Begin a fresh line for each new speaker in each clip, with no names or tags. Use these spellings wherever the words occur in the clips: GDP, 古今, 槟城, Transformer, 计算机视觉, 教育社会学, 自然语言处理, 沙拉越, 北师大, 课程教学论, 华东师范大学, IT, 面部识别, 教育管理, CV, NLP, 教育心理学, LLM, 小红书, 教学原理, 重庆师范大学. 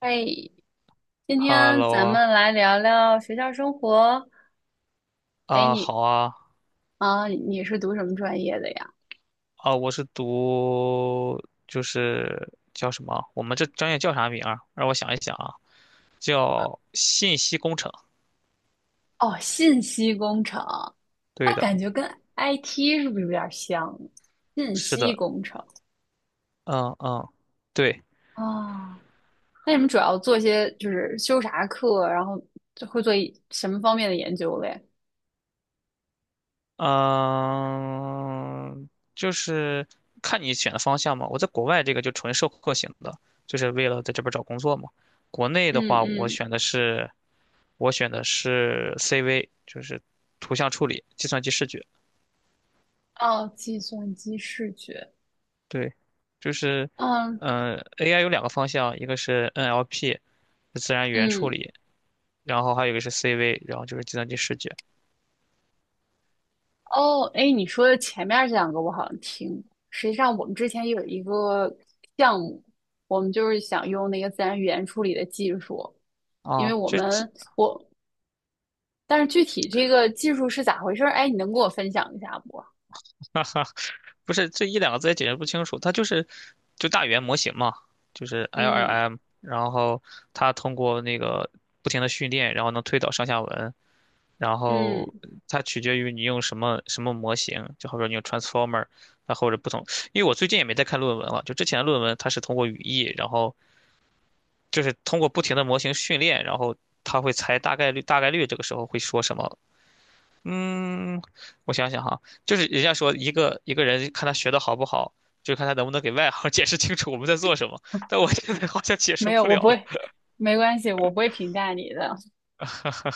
哎，今天
Hello
咱
啊，
们来聊聊学校生活。哎，
啊好啊，
你是读什么专业的呀？
啊我是读就是叫什么？我们这专业叫啥名儿？让我想一想啊，叫信息工程。
哦，信息工程，那
对的，
感觉跟 IT 是不是有点儿像？信
是
息
的，
工程
嗯嗯，对，
啊，那你们主要做些就是修啥课，然后就会做一什么方面的研究嘞？
嗯，就是看你选的方向嘛。我在国外这个就纯授课型的，就是为了在这边找工作嘛。国内的
嗯
话，我
嗯，
选的是我选的是 CV，就是图像处理、计算机视觉。
哦，计算机视觉，
对，就是，
嗯
嗯，AI 有两个方向，一个是 NLP，自然语言处
嗯
理，然后还有一个是 CV，然后就是计算机视觉。
哦，哎，你说的前面这两个我好像听过。实际上，我们之前有一个项目，我们就是想用那个自然语言处理的技术，因
啊，
为我
就
们我，但是具体这个技术是咋回事儿？哎，你能给我分享一下不？
哈哈，不是这一两个字也解释不清楚，它就是就大语言模型嘛，就是
嗯
LLM，然后它通过那个不停的训练，然后能推导上下文，然后
嗯，
它取决于你用什么什么模型，就好比说你用 Transformer，啊或者不同，因为我最近也没在看论文了，就之前的论文它是通过语义，然后就是通过不停的模型训练，然后他会猜大概率，大概率这个时候会说什么？嗯，我想想哈，就是人家说一个一个人看他学的好不好，就看他能不能给外行解释清楚我们在做什么。但我现在好像解释
没有，
不
我
了
不
了。
会，没关系，我不会评价你的，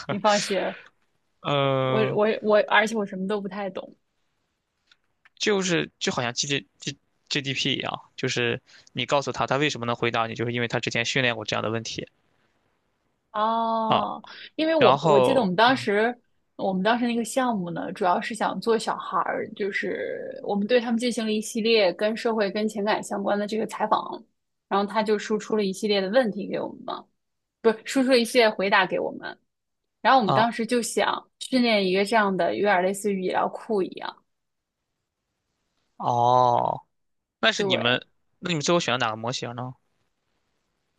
你放心。我
嗯，
我我，而且我什么都不太懂。
就是就好像 G G G GDP 一样，就是你告诉他他为什么能回答你，就是因为他之前训练过这样的问题啊。
哦，因为
然
我记得我
后，
们当
嗯，
时，我们当时那个项目呢，主要是想做小孩儿，就是我们对他们进行了一系列跟社会、跟情感相关的这个采访，然后他就输出了一系列的问题给我们嘛，不是输出了一系列回答给我们，然后我们当
啊，
时就想训练一个这样的，有点类似于医疗库一样，
哦，那是你
对，
们，那你们最后选了哪个模型呢？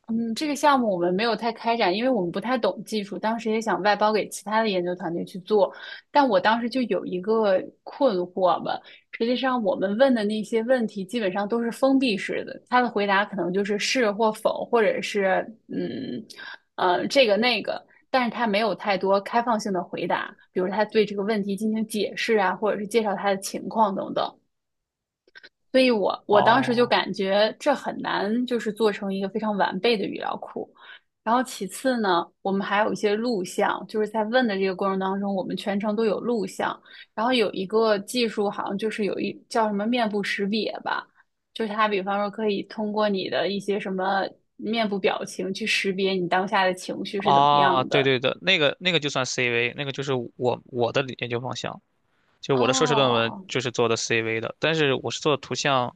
嗯，这个项目我们没有太开展，因为我们不太懂技术，当时也想外包给其他的研究团队去做，但我当时就有一个困惑吧。实际上，我们问的那些问题基本上都是封闭式的，他的回答可能就是是或否，或者是这个那个，但是他没有太多开放性的回答，比如他对这个问题进行解释啊，或者是介绍他的情况等等。所以我当时就
哦。
感觉这很难，就是做成一个非常完备的语料库。然后其次呢，我们还有一些录像，就是在问的这个过程当中，我们全程都有录像。然后有一个技术，好像就是有一叫什么面部识别吧，就是它比方说可以通过你的一些什么面部表情去识别你当下的情绪是怎么
啊，
样
对
的。
对的，那个那个就算 CV，那个就是我的研究方向，就是我的硕士论文
哦，
就是做的 CV 的，但是我是做图像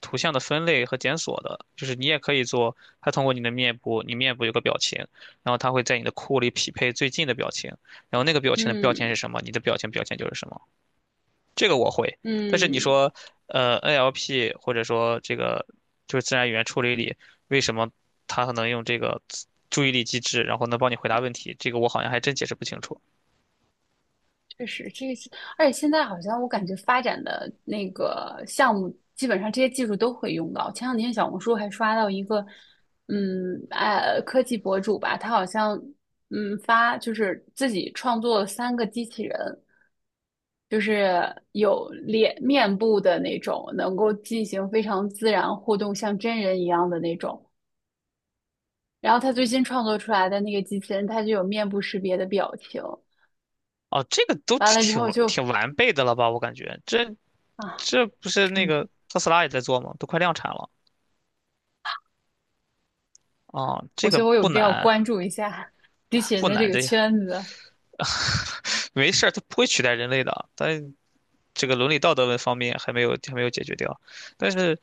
的分类和检索的，就是你也可以做，它通过你的面部，你面部有个表情，然后它会在你的库里匹配最近的表情，然后那个表情的标签
嗯
是什么，你的表情标签就是什么。这个我会。但是你
嗯，
说，NLP 或者说这个就是自然语言处理里，为什么它能用这个注意力机制，然后能帮你回答问题？这个我好像还真解释不清楚。
确实，这个是，而且现在好像我感觉发展的那个项目，基本上这些技术都会用到。前两天小红书还刷到一个，科技博主吧，他好像，发就是自己创作了3个机器人，就是有脸面部的那种，能够进行非常自然互动，像真人一样的那种。然后他最新创作出来的那个机器人，它就有面部识别的表情，
哦，这个都
完了之
挺
后就
挺完备的了吧？我感觉这
啊。
这不是
是
那
吗？
个特斯拉也在做吗？都快量产了啊，
我
这个
觉得我有
不
必要
难
关注一下机器人
不
的这
难，
个
这
圈子。
没事儿，它不会取代人类的。但这个伦理道德问方面还没有解决掉，但是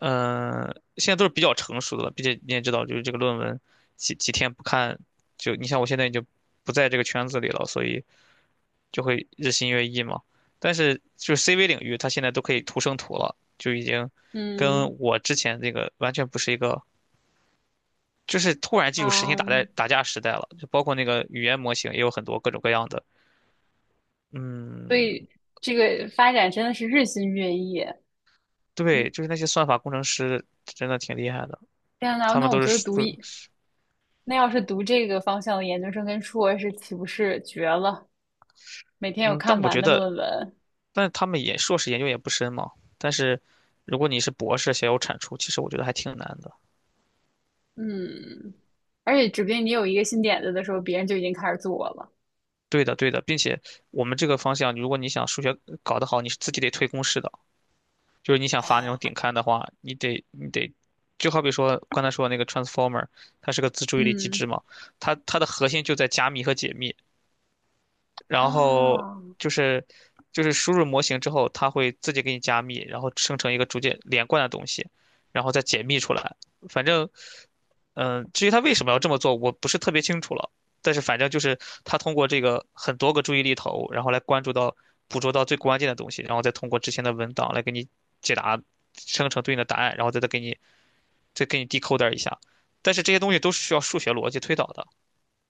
现在都是比较成熟的了，并且你也知道，就是这个论文几天不看，就你像我现在已经不在这个圈子里了，所以就会日新月异嘛。但是就是 CV 领域，它现在都可以图生图了，就已经
嗯
跟我之前那个完全不是一个，就是突然进入实心打代
嗯，
打架时代了，就包括那个语言模型也有很多各种各样的。
所
嗯，
以这个发展真的是日新月异。你
对，就是那些算法工程师真的挺厉害的，
天呐，
他
那
们
我
都是
觉得读
数
一，那要是读这个方向的研究生跟硕士，岂不是绝了？每天有
嗯，
看
但
不
我
完
觉
的
得
论文。
但他们也硕士研究也不深嘛。但是如果你是博士想要产出，其实我觉得还挺难的。
嗯，而且指不定你有一个新点子的时候，别人就已经开始做了。
对的，对的，并且我们这个方向，如果你想数学搞得好，你是自己得推公式的。就是你想发那
哦，
种顶刊的话，你得，就好比说刚才说的那个 transformer，它是个自注意力机
嗯
制嘛，它的核心就在加密和解密。然后
啊，
就是就是输入模型之后，它会自己给你加密，然后生成一个逐渐连贯的东西，然后再解密出来。反正，嗯，至于它为什么要这么做，我不是特别清楚了。但是反正就是它通过这个很多个注意力头，然后来关注到捕捉到最关键的东西，然后再通过之前的文档来给你解答，生成对应的答案，然后再给你 decoder 一下。但是这些东西都是需要数学逻辑推导的。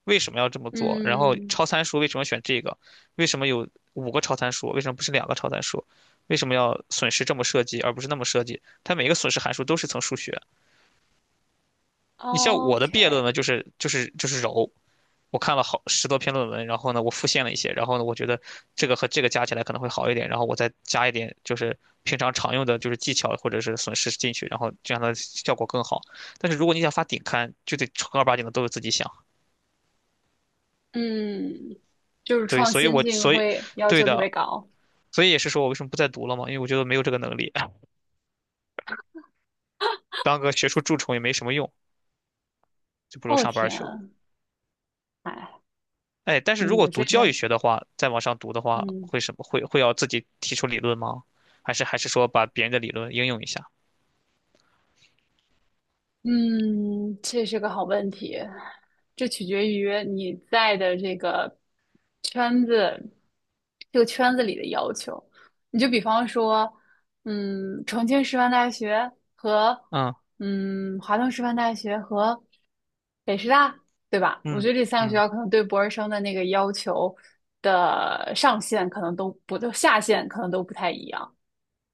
为什么要这么做？然后
嗯
超参数为什么选这个？为什么有五个超参数？为什么不是两个超参数？为什么要损失这么设计而不是那么设计？它每个损失函数都是层数学。你像我的毕业论
，OK，
文就是揉，我看了好10多篇论文，然后呢我复现了一些，然后呢我觉得这个和这个加起来可能会好一点，然后我再加一点就是平常常用的就是技巧或者是损失进去，然后这样的效果更好。但是如果你想发顶刊，就得正儿八经的都是自己想。
嗯，就是
对，
创
所以
新
我
性
所以
会要
对
求特别
的，
高。
所以也是说我为什么不再读了嘛，因为我觉得没有这个能力，当个学术蛀虫也没什么用，就不如
哦
上班
天
去了。
啊，哎，
哎，但是如
嗯，
果
我
读
这
教育
边，
学的话，再往上读的话，
嗯，
会什么会会要自己提出理论吗？还是说把别人的理论应用一下？
嗯，这是个好问题，这取决于你在的这个圈子，这个圈子里的要求。你就比方说，嗯，重庆师范大学和
嗯
华东师范大学和北师大，对吧？我觉
嗯
得这三个学
嗯，
校可能对博士生的那个要求的上限可能都不，都下限可能都不太一样，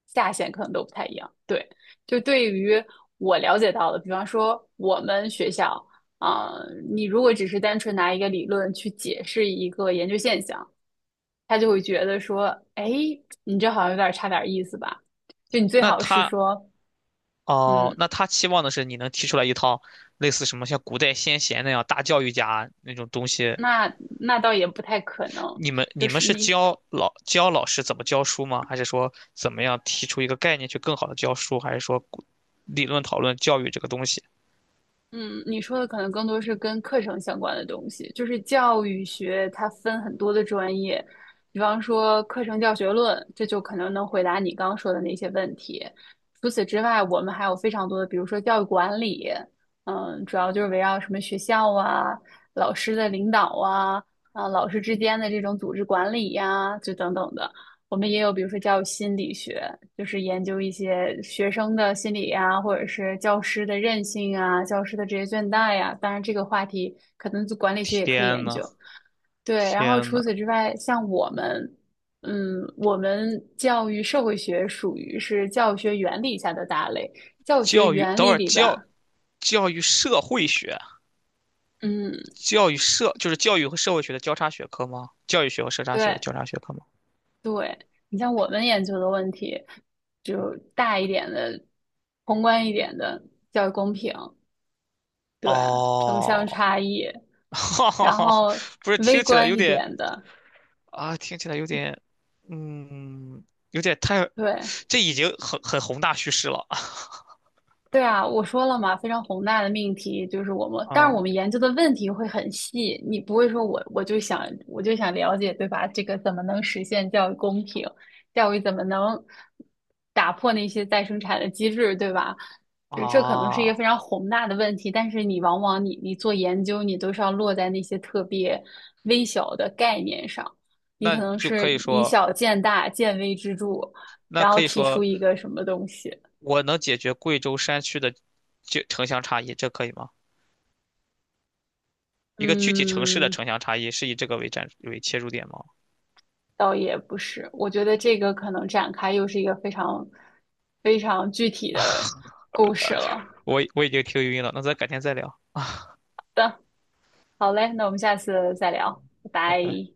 下限可能都不太一样，对。就对于我了解到的，比方说我们学校啊、你如果只是单纯拿一个理论去解释一个研究现象，他就会觉得说，哎，你这好像有点差点意思吧？就你最
那
好是
他
说，
哦，
嗯，
那他期望的是你能提出来一套类似什么像古代先贤那样大教育家那种东西，
那那倒也不太可能，
你们
就
你们
是
是教老师怎么教书吗？还是说怎么样提出一个概念去更好的教书？还是说理论讨论教育这个东西？
你说的可能更多是跟课程相关的东西，就是教育学它分很多的专业，比方说课程教学论，这就可能能回答你刚刚说的那些问题。除此之外，我们还有非常多的，比如说教育管理，嗯，主要就是围绕什么学校啊、老师的领导啊、啊老师之间的这种组织管理呀、就等等的。我们也有，比如说教育心理学，就是研究一些学生的心理呀，或者是教师的韧性啊，教师的职业倦怠呀。当然，这个话题可能就管理学也可以
天
研
呐，
究。对，然后
天
除
呐，
此之外，像我们，嗯，我们教育社会学属于是教学原理下的大类。教学
教育，
原
等会
理
儿
里边
教
儿
教育社会学，
嗯，
教育社就是教育和社会学的交叉学科吗？教育学和社会学的
对
交叉学科吗？
对，你像我们研究的问题，就大一点的，宏观一点的教育公平。对，城乡
哦，
差异，
哈
然
哈，
后
不是，听
微
起来
观
有
一
点
点的，
啊，听起来有点，嗯，有点太，
对，
这已经很宏大叙事了
对啊，我说了嘛，非常宏大的命题就是我们，但是我
啊
们 研究的问题会很细，你不会说我就想我就想了解，对吧？这个怎么能实现教育公平？教育怎么能打破那些再生产的机制，对吧？这这可能是一
啊，
个非常宏大的问题，但是你往往你你做研究，你都是要落在那些特别微小的概念上，你可
那
能
就
是
可以
以
说，
小见大，见微知著，
那
然后
可以
提出
说
一个什么东西。
我能解决贵州山区的就城乡差异，这可以吗？一个具体城市的
嗯，
城乡差异是以这个为切入点吗？
倒也不是，我觉得这个可能展开又是一个非常非常具体的故事了。
我已经听晕了，那咱改天再聊，
好嘞，那我们下次再聊，拜
拜拜。
拜。